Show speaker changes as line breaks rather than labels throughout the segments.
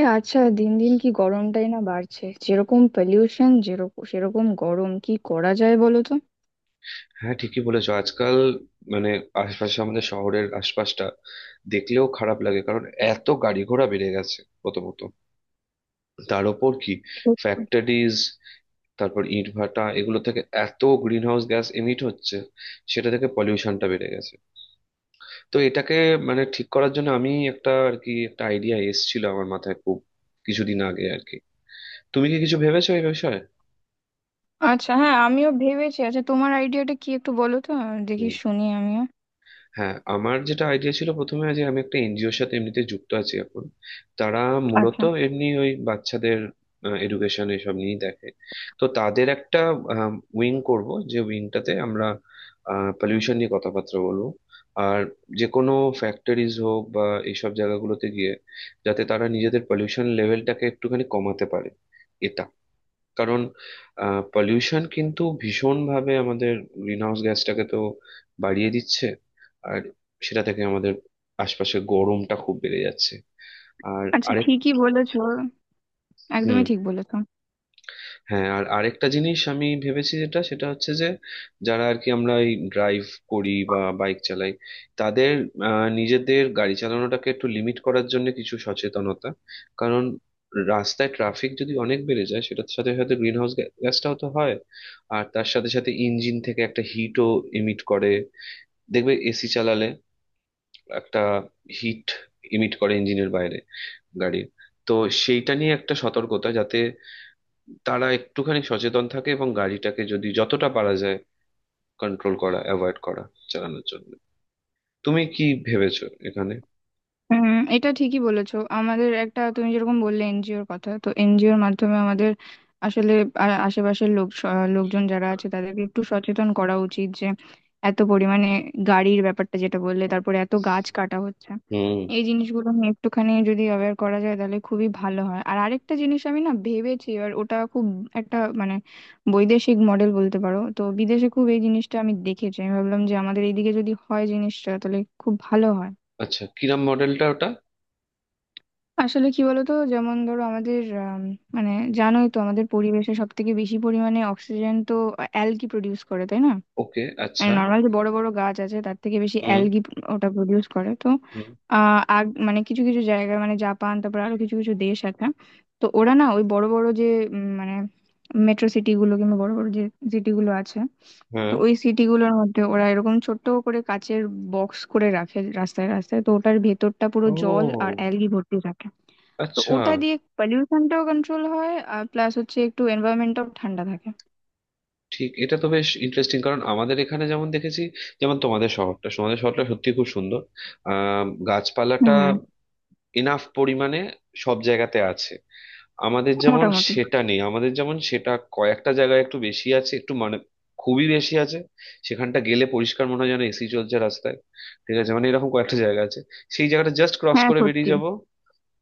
এ, আচ্ছা, দিন দিন কি গরমটাই না বাড়ছে! যেরকম পলিউশন, যেরকম সেরকম গরম, কি করা যায় বলো তো?
হ্যাঁ, ঠিকই বলেছো। আজকাল মানে আশপাশে, আমাদের শহরের আশপাশটা দেখলেও খারাপ লাগে। কারণ এত গাড়ি ঘোড়া বেড়ে গেছে প্রথমত, তার ওপর কি
সত্যি।
ফ্যাক্টরিজ, তারপর ইটভাটা, এগুলো থেকে এত গ্রিন হাউস গ্যাস এমিট হচ্ছে, সেটা থেকে পলিউশনটা বেড়ে গেছে। তো এটাকে মানে ঠিক করার জন্য, আমি একটা আর কি একটা আইডিয়া এসেছিল আমার মাথায় খুব কিছুদিন আগে আর কি। তুমি কি কিছু ভেবেছো এই বিষয়ে?
আচ্ছা, হ্যাঁ, আমিও ভেবেছি। আচ্ছা, তোমার আইডিয়াটা কি একটু বলো তো, দেখি শুনি আমিও।
হ্যাঁ, আমার যেটা আইডিয়া ছিল প্রথমে, যে আমি একটা এনজিওর সাথে এমনিতে যুক্ত আছি এখন। তারা মূলত
আচ্ছা।
এমনি ওই বাচ্চাদের এডুকেশন এসব নিয়েই দেখে। তো তাদের একটা উইং করব, যে উইংটাতে আমরা পলিউশন নিয়ে কথাবার্তা বলবো। আর যে কোনো ফ্যাক্টরিজ হোক বা এইসব জায়গাগুলোতে গিয়ে, যাতে তারা নিজেদের পলিউশন লেভেলটাকে একটুখানি কমাতে পারে। কারণ পলিউশন কিন্তু ভীষণভাবে আমাদের গ্রিনহাউস গ্যাসটাকে তো বাড়িয়ে দিচ্ছে, আর সেটা থেকে আমাদের আশপাশে গরমটা খুব বেড়ে যাচ্ছে। আর
আচ্ছা,
আরেক...
ঠিকই বলেছো,
হুম।
একদমই ঠিক বলেছো।
হ্যাঁ, আর আরেকটা জিনিস আমি ভেবেছি, যেটা সেটা হচ্ছে যে যারা আর কি আমরা এই ড্রাইভ করি বা বাইক চালাই, তাদের নিজেদের গাড়ি চালানোটাকে একটু লিমিট করার জন্য কিছু সচেতনতা। কারণ রাস্তায় ট্রাফিক যদি অনেক বেড়ে যায়, সেটার সাথে সাথে গ্রিন হাউস গ্যাসটাও তো হয়, আর তার সাথে সাথে ইঞ্জিন থেকে একটা হিটও ইমিট করে। দেখবে, এসি চালালে একটা হিট ইমিট করে ইঞ্জিনের বাইরে, গাড়ির। তো সেইটা নিয়ে একটা সতর্কতা, যাতে তারা একটুখানি সচেতন থাকে এবং গাড়িটাকে যদি যতটা পারা যায় কন্ট্রোল করা, অ্যাভয়েড করা চালানোর জন্য। তুমি কি ভেবেছো এখানে?
হুম, এটা ঠিকই বলেছো। আমাদের একটা, তুমি যেরকম বললে এনজিওর কথা, তো এনজিওর মাধ্যমে আমাদের আসলে আশেপাশের লোকজন যারা আছে তাদেরকে একটু সচেতন করা উচিত যে এত পরিমাণে গাড়ির ব্যাপারটা যেটা বললে, তারপরে এত গাছ কাটা হচ্ছে,
হুম।
এই জিনিসগুলো নিয়ে একটুখানি যদি অ্যাওয়্যার করা যায় তাহলে খুবই ভালো হয়। আর আরেকটা জিনিস আমি না ভেবেছি, এবার ওটা খুব একটা মানে বৈদেশিক মডেল বলতে পারো। তো বিদেশে খুব এই জিনিসটা আমি দেখেছি, আমি ভাবলাম যে আমাদের এইদিকে যদি হয় জিনিসটা তাহলে খুব ভালো হয়।
আচ্ছা, কিরাম মডেলটা ওটা?
আসলে কি বলতো, যেমন ধরো আমাদের মানে জানোই তো আমাদের পরিবেশে সব থেকে বেশি পরিমাণে অক্সিজেন তো অ্যালগি প্রডিউস করে, তাই না?
ওকে,
মানে
আচ্ছা।
নর্মাল যে বড় বড় গাছ আছে তার থেকে বেশি
হুম।
অ্যালগি ওটা প্রডিউস করে তো।
হুম।
আহ আগ মানে কিছু কিছু জায়গায়, মানে জাপান, তারপর আরো কিছু কিছু দেশ আছে, তো ওরা না ওই বড় বড় যে মানে মেট্রো সিটি গুলো, কিংবা বড় বড় যে সিটি গুলো আছে, তো
হ্যাঁ।
ওই সিটিগুলোর মধ্যে ওরা এরকম ছোট্ট করে কাচের বক্স করে রাখে রাস্তায় রাস্তায়। তো ওটার ভেতরটা পুরো জল আর
ও,
অ্যালগি ভর্তি থাকে। তো
আচ্ছা।
ওটা দিয়ে পলিউশনটাও কন্ট্রোল হয়, আর প্লাস হচ্ছে একটু এনভায়রনমেন্টটাও ঠান্ডা থাকে।
ঠিক, এটা তো বেশ ইন্টারেস্টিং। কারণ আমাদের এখানে যেমন দেখেছি, যেমন তোমাদের শহরটা, তোমাদের শহরটা সত্যি খুব সুন্দর। গাছপালাটা
হুম,
এনাফ পরিমাণে সব জায়গাতে আছে। আমাদের যেমন
মোটামুটি।
সেটা নেই, আমাদের যেমন সেটা কয়েকটা জায়গায় একটু বেশি আছে, একটু মানে খুবই বেশি আছে। সেখানটা গেলে পরিষ্কার মনে হয় যেন এসি চলছে রাস্তায়। ঠিক আছে, মানে এরকম কয়েকটা জায়গা আছে, সেই জায়গাটা জাস্ট ক্রস
হ্যাঁ,
করে বেরিয়ে
সত্যি।
যাব।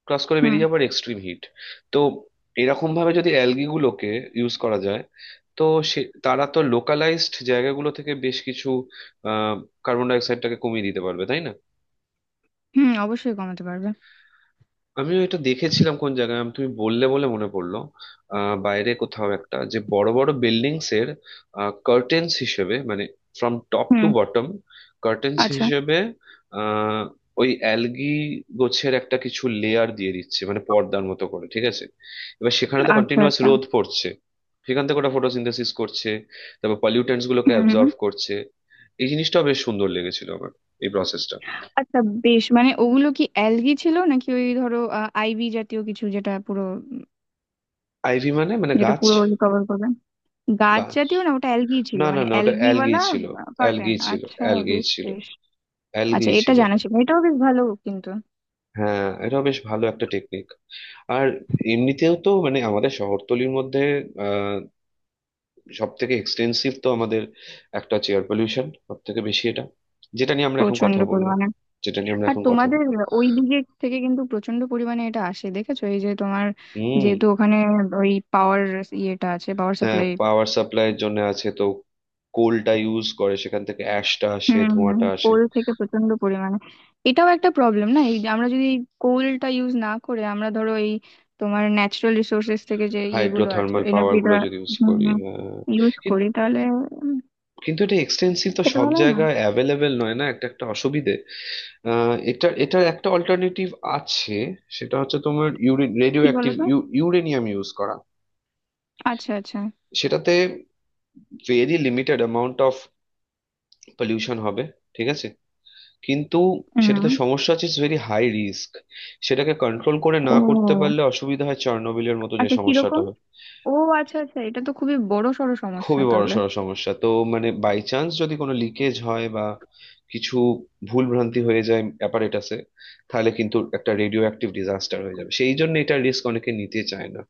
ক্রস করে
হুম,
বেরিয়ে যাবো আর এক্সট্রিম হিট। তো এরকম ভাবে যদি অ্যালগি গুলোকে ইউজ করা যায় তো সে তারা তো লোকালাইজড জায়গাগুলো থেকে বেশ কিছু আহ কার্বন ডাই অক্সাইডটাকে কমিয়ে দিতে পারবে, তাই না?
হুম, অবশ্যই কমাতে পারবে।
আমিও এটা দেখেছিলাম কোন জায়গায় তুমি বললে বলে মনে পড়লো। বাইরে কোথাও একটা, যে বড় বড় বিল্ডিংস এর কার্টেন্স হিসেবে মানে from top to
hmm.
Bottom curtains
আচ্ছা,
হিসেবে আহ ওই অ্যালগি গোছের একটা কিছু লেয়ার দিয়ে দিচ্ছে, মানে পর্দার মতো করে। ঠিক আছে, এবার সেখানে তো
আচ্ছা।
কন্টিনিউয়াস
আচ্ছা।
রোদ পড়ছে, সেখান থেকে ওটা ফটোসিনথেসিস করছে, তারপর পলিউটেন্টস গুলোকে
হুম, হুম।
অ্যাবজর্ব করছে। এই জিনিসটা বেশ সুন্দর লেগেছিল আমার, এই প্রসেসটা।
আচ্ছা, বেশ, মানে ওগুলো কি অ্যালগি ছিল, নাকি ওই ধরো আইভি জাতীয় কিছু যেটা পুরো উম,
আইভি মানে মানে
যেটা
গাছ।
পুরো রিকভার করবে? গাছ
গাছ?
জাতীয় না, ওটা অ্যালগি ছিল,
না, না,
মানে
না, ওটা অ্যালগি
অ্যালগিওয়ালা
ছিল।
কার্টেন।
অ্যালগি ছিল,
আচ্ছা,
অ্যালগি
বেশ,
ছিল,
বেশ।
অ্যালগি
আচ্ছা, এটা
ছিল
জানা
ওটা।
ছিল না। এটাও বেশ ভালো কিন্তু।
হ্যাঁ, এটা বেশ ভালো একটা টেকনিক। আর এমনিতেও তো মানে আমাদের শহরতলির মধ্যে আহ সব থেকে এক্সটেন্সিভ তো আমাদের একটা হচ্ছে এয়ার পলিউশন সব থেকে বেশি এটা, যেটা নিয়ে আমরা এখন
প্রচন্ড
কথা বললাম,
পরিমাণে।
যেটা নিয়ে আমরা
আর
এখন কথা
তোমাদের
বল...
ওই দিকে থেকে কিন্তু প্রচন্ড পরিমাণে এটা আসে, দেখেছো, এই যে তোমার
হুম।
যেহেতু ওখানে ওই পাওয়ার ইয়েটা আছে, পাওয়ার
হ্যাঁ,
সাপ্লাই।
পাওয়ার সাপ্লাইয়ের জন্য আছে তো, কোলটা ইউজ করে, সেখান থেকে অ্যাশটা আসে,
হুম।
ধোঁয়াটা আসে।
কোল থেকে প্রচন্ড পরিমাণে। এটাও একটা প্রবলেম না? এই যে আমরা যদি এই কোলটা ইউজ না করে আমরা ধরো এই তোমার ন্যাচারাল রিসোর্সেস থেকে যে ইয়েগুলো আছে,
হাইড্রোথার্মাল পাওয়ার
এনার্জিটা
গুলো যদি ইউজ করি, হ্যাঁ,
ইউজ করি তাহলে উম,
কিন্তু এটা এক্সটেন্সিভ তো
সেটা
সব
ভালো হয় না?
জায়গায় অ্যাভেলেবেল নয়, না একটা একটা অসুবিধে। এটা এটার একটা অল্টারনেটিভ আছে, সেটা হচ্ছে তোমার ইউরেন রেডিও
কি বলো
অ্যাক্টিভ
তো।
ইউরেনিয়াম ইউজ করা।
আচ্ছা, আচ্ছা।
সেটাতে very limited amount of pollution হবে, ঠিক আছে। কিন্তু
হুম।
সেটাতে সমস্যা আছে, ইটস ভেরি হাই রিস্ক, সেটাকে কন্ট্রোল করে না করতে
ও,
পারলে অসুবিধা হয়, চার্নোবিলের মতো যে
আচ্ছা,
সমস্যাটা
কিরকম?
হয়।
ও, আচ্ছা, আচ্ছা, এটা তো খুবই বড় সড় সমস্যা
খুবই
তাহলে।
বড়সড় সমস্যা তো। মানে বাই চান্স যদি কোনো লিকেজ হয় বা কিছু ভুল ভ্রান্তি হয়ে যায় অ্যাপারেটাসে, তাহলে কিন্তু একটা রেডিও অ্যাক্টিভ ডিজাস্টার হয়ে যাবে। সেই জন্য এটা রিস্ক অনেকে নিতে চায় না।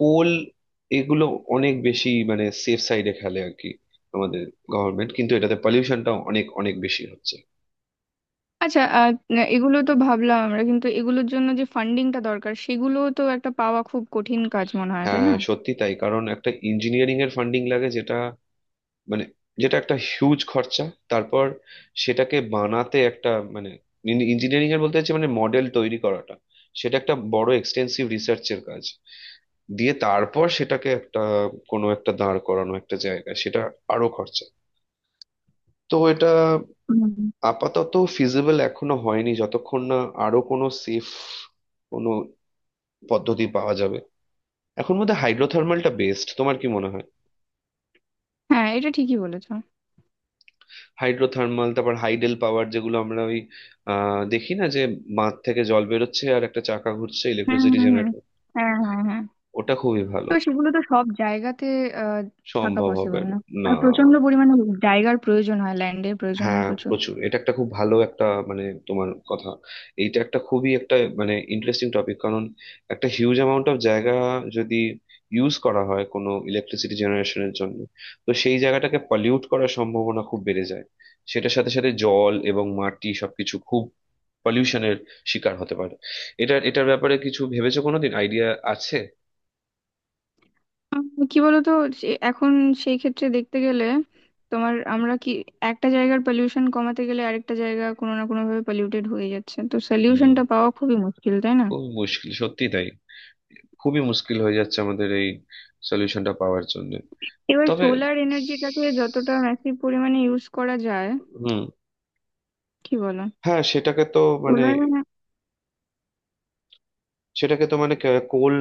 কোল এগুলো অনেক বেশি মানে সেফ সাইডে খেলে আর কি আমাদের গভর্নমেন্ট, কিন্তু এটাতে পলিউশনটা অনেক অনেক বেশি হচ্ছে।
আচ্ছা। এগুলো তো ভাবলাম আমরা, কিন্তু এগুলোর জন্য যে ফান্ডিংটা দরকার সেগুলো তো একটা পাওয়া খুব কঠিন কাজ মনে হয়, তাই
হ্যাঁ,
না?
সত্যি তাই। কারণ একটা ইঞ্জিনিয়ারিং এর ফান্ডিং লাগে, যেটা মানে যেটা একটা হিউজ খরচা। তারপর সেটাকে বানাতে একটা মানে ইঞ্জিনিয়ারিং এর বলতে চাচ্ছি, মানে মডেল তৈরি করাটা, সেটা একটা বড় এক্সটেন্সিভ রিসার্চের কাজ। দিয়ে তারপর সেটাকে একটা কোনো একটা দাঁড় করানো একটা জায়গায় সেটা আরো খরচা। তো এটা
হুম।
আপাতত ফিজিবল এখনো হয়নি, যতক্ষণ না আরো কোনো সেফ কোনো পদ্ধতি পাওয়া যাবে। এখন মধ্যে হাইড্রোথার্মালটা বেস্ট, তোমার কি মনে হয়?
হ্যাঁ, এটা ঠিকই বলেছো।
হাইড্রোথার্মাল, তারপর হাইডেল পাওয়ার যেগুলো আমরা ওই দেখি না, যে বাঁধ থেকে জল বেরোচ্ছে আর একটা চাকা ঘুরছে,
হুম,
ইলেকট্রিসিটি
হুম, হুম।
জেনারেট।
হ্যাঁ, হ্যাঁ, হ্যাঁ।
ওটা খুবই ভালো।
তো সেগুলো তো সব জায়গাতে আহ, থাকা
সম্ভব হবে
পসিবল
না।
না।
না।
আর প্রচন্ড পরিমাণে জায়গার প্রয়োজন হয়, ল্যান্ডের প্রয়োজন হয়
হ্যাঁ,
প্রচুর।
প্রচুর। এটা একটা খুব ভালো একটা মানে তোমার কথা, এইটা একটা খুবই একটা মানে ইন্টারেস্টিং টপিক। কারণ একটা হিউজ অ্যামাউন্ট অফ জায়গা যদি ইউজ করা হয় কোনো ইলেকট্রিসিটি জেনারেশনের জন্য, তো সেই জায়গাটাকে পলিউট করার সম্ভাবনা খুব বেড়ে যায়, সেটার সাথে সাথে জল এবং মাটি সবকিছু খুব পলিউশনের শিকার হতে পারে। এটা এটার ব্যাপারে কিছু ভেবেছো কোনোদিন, আইডিয়া আছে?
উম, কি বলতো, এখন সেই ক্ষেত্রে দেখতে গেলে তোমার আমরা কি, একটা জায়গার পলিউশন কমাতে গেলে আরেকটা জায়গা কোনো না কোনো ভাবে পলিউটেড হয়ে যাচ্ছে, তো
হুম।
সলিউশনটা পাওয়া খুবই মুশকিল, তাই না?
খুবই মুশকিল, সত্যি তাই। খুবই মুশকিল হয়ে যাচ্ছে আমাদের এই সলিউশনটা পাওয়ার জন্য।
এবার
তবে
সোলার এনার্জিটাকে যতটা ম্যাসিভ পরিমাণে ইউজ করা যায়,
হুম।
কি বলো?
হ্যাঁ, সেটাকে তো মানে
সোলার।
সেটাকে তো মানে কোল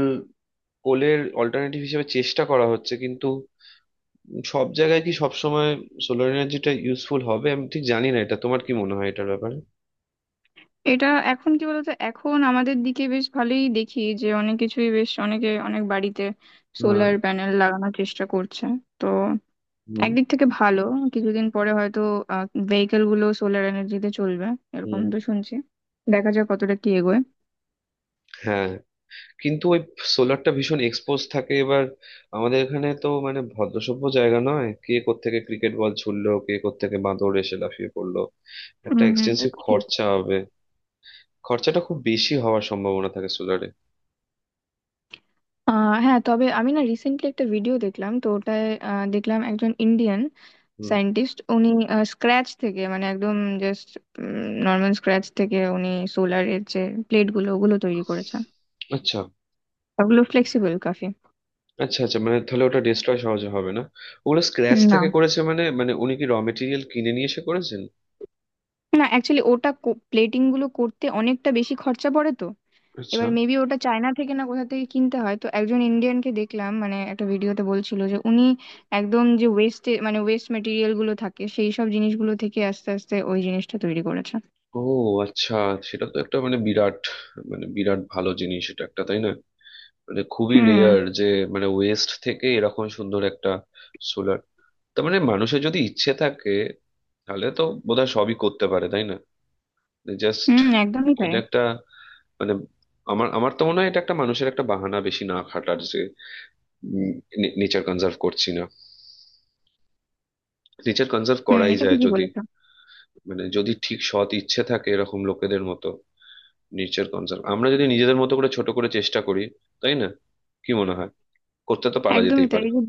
কোলের অল্টারনেটিভ হিসেবে চেষ্টা করা হচ্ছে, কিন্তু সব জায়গায় কি সব সময় সোলার এনার্জিটা ইউজফুল হবে? আমি ঠিক জানি না, এটা তোমার কি মনে হয় এটার ব্যাপারে?
এটা, এখন কি বলতো, এখন আমাদের দিকে বেশ ভালোই দেখি যে অনেক কিছুই, বেশ অনেকে অনেক বাড়িতে
হ্যাঁ।
সোলার প্যানেল লাগানোর চেষ্টা করছে। তো
হুম।
একদিক থেকে ভালো। কিছুদিন পরে হয়তো ভেহিকেল গুলো সোলার এনার্জিতে চলবে, এরকম
হুম।
তো শুনছি। দেখা যাক কতটা কি এগোয়।
হ্যাঁ। কিন্তু ওই সোলারটা ভীষণ এক্সপোজ থাকে এবার। আমাদের এখানে তো মানে ভদ্রসভ্য জায়গা নয়, কে কোত্থেকে ক্রিকেট বল ছুড়লো, কে কোত্থেকে বাঁদর এসে লাফিয়ে পড়লো, একটা
উম,
এক্সটেন্সিভ
এটা ঠিক।
খরচা হবে। খরচাটা খুব বেশি হওয়ার সম্ভাবনা থাকে সোলারে।
হ্যাঁ, তবে আমি না রিসেন্টলি একটা ভিডিও দেখলাম, তো ওটায় দেখলাম একজন ইন্ডিয়ান
হুম।
সায়েন্টিস্ট, উনি স্ক্র্যাচ থেকে, মানে একদম জাস্ট নর্মাল স্ক্র্যাচ থেকে উনি সোলারের যে প্লেট গুলো ওগুলো তৈরি করেছেন।
আচ্ছা।
ওগুলো ফ্লেক্সিবল কাফি।
আচ্ছা, আচ্ছা, মানে তাহলে ওটা ডিস্ট্রয় সহজে হবে না? ওগুলো স্ক্র্যাচ
না,
থেকে করেছে মানে মানে উনি কি র মেটেরিয়াল কিনে নিয়ে এসে করেছেন?
না, অ্যাকচুয়ালি ওটা প্লেটিং গুলো করতে অনেকটা বেশি খরচা পড়ে তো,
আচ্ছা।
এবার মেবি ওটা চায়না থেকে না কোথা থেকে কিনতে হয়। তো একজন ইন্ডিয়ানকে দেখলাম, মানে একটা ভিডিওতে বলছিল যে উনি একদম যে ওয়েস্টে, মানে ওয়েস্ট মেটেরিয়াল গুলো থাকে সেই সব জিনিসগুলো থেকে আস্তে আস্তে ওই জিনিসটা তৈরি করেছে।
ও, আচ্ছা। সেটা তো একটা মানে বিরাট মানে বিরাট ভালো জিনিস এটা একটা, তাই না? মানে খুবই
হুম।
রেয়ার, যে মানে ওয়েস্ট থেকে এরকম সুন্দর একটা সোলার। তার মানে মানুষের যদি ইচ্ছে থাকে, তাহলে তো বোধহয় সবই করতে পারে, তাই না? জাস্ট
হুম, একদমই তাই।
এটা একটা মানে আমার আমার তো মনে হয় এটা একটা মানুষের একটা বাহানা বেশি না খাটার, যে নেচার কনজার্ভ করছি না। নেচার কনজার্ভ
হুম,
করাই
এটা
যায়
ঠিকই
যদি,
বলেছো।
মানে যদি ঠিক সৎ ইচ্ছে থাকে, এরকম লোকেদের মতো নেচার কনজার্ভ আমরা যদি নিজেদের মতো করে ছোট করে চেষ্টা করি, তাই না? কি মনে হয়? করতে তো পারা
একদমই
যেতেই
তাই।
পারে।
এই যে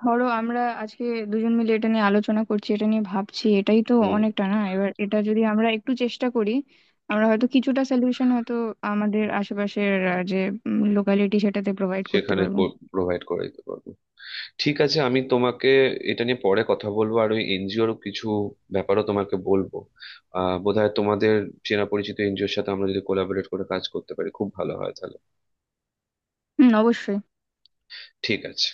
ধরো আমরা আজকে দুজন মিলে এটা নিয়ে আলোচনা করছি, এটা নিয়ে ভাবছি, এটাই তো
হুম।
অনেকটা না? এবার এটা যদি আমরা একটু চেষ্টা করি, আমরা হয়তো কিছুটা সলিউশন হয়তো আমাদের আশেপাশের যে লোকালিটি, সেটাতে প্রোভাইড করতে
সেখানে
পারবো।
প্রোভাইড করে দিতে পারবো। ঠিক আছে, আমি তোমাকে এটা নিয়ে পরে কথা বলবো, আর ওই এনজিওর কিছু ব্যাপারও তোমাকে বলবো। বোধহয় তোমাদের চেনা পরিচিত এনজিওর সাথে আমরা যদি কোলাবোরেট করে কাজ করতে পারি, খুব ভালো হয় তাহলে।
হুম, অবশ্যই।
ঠিক আছে।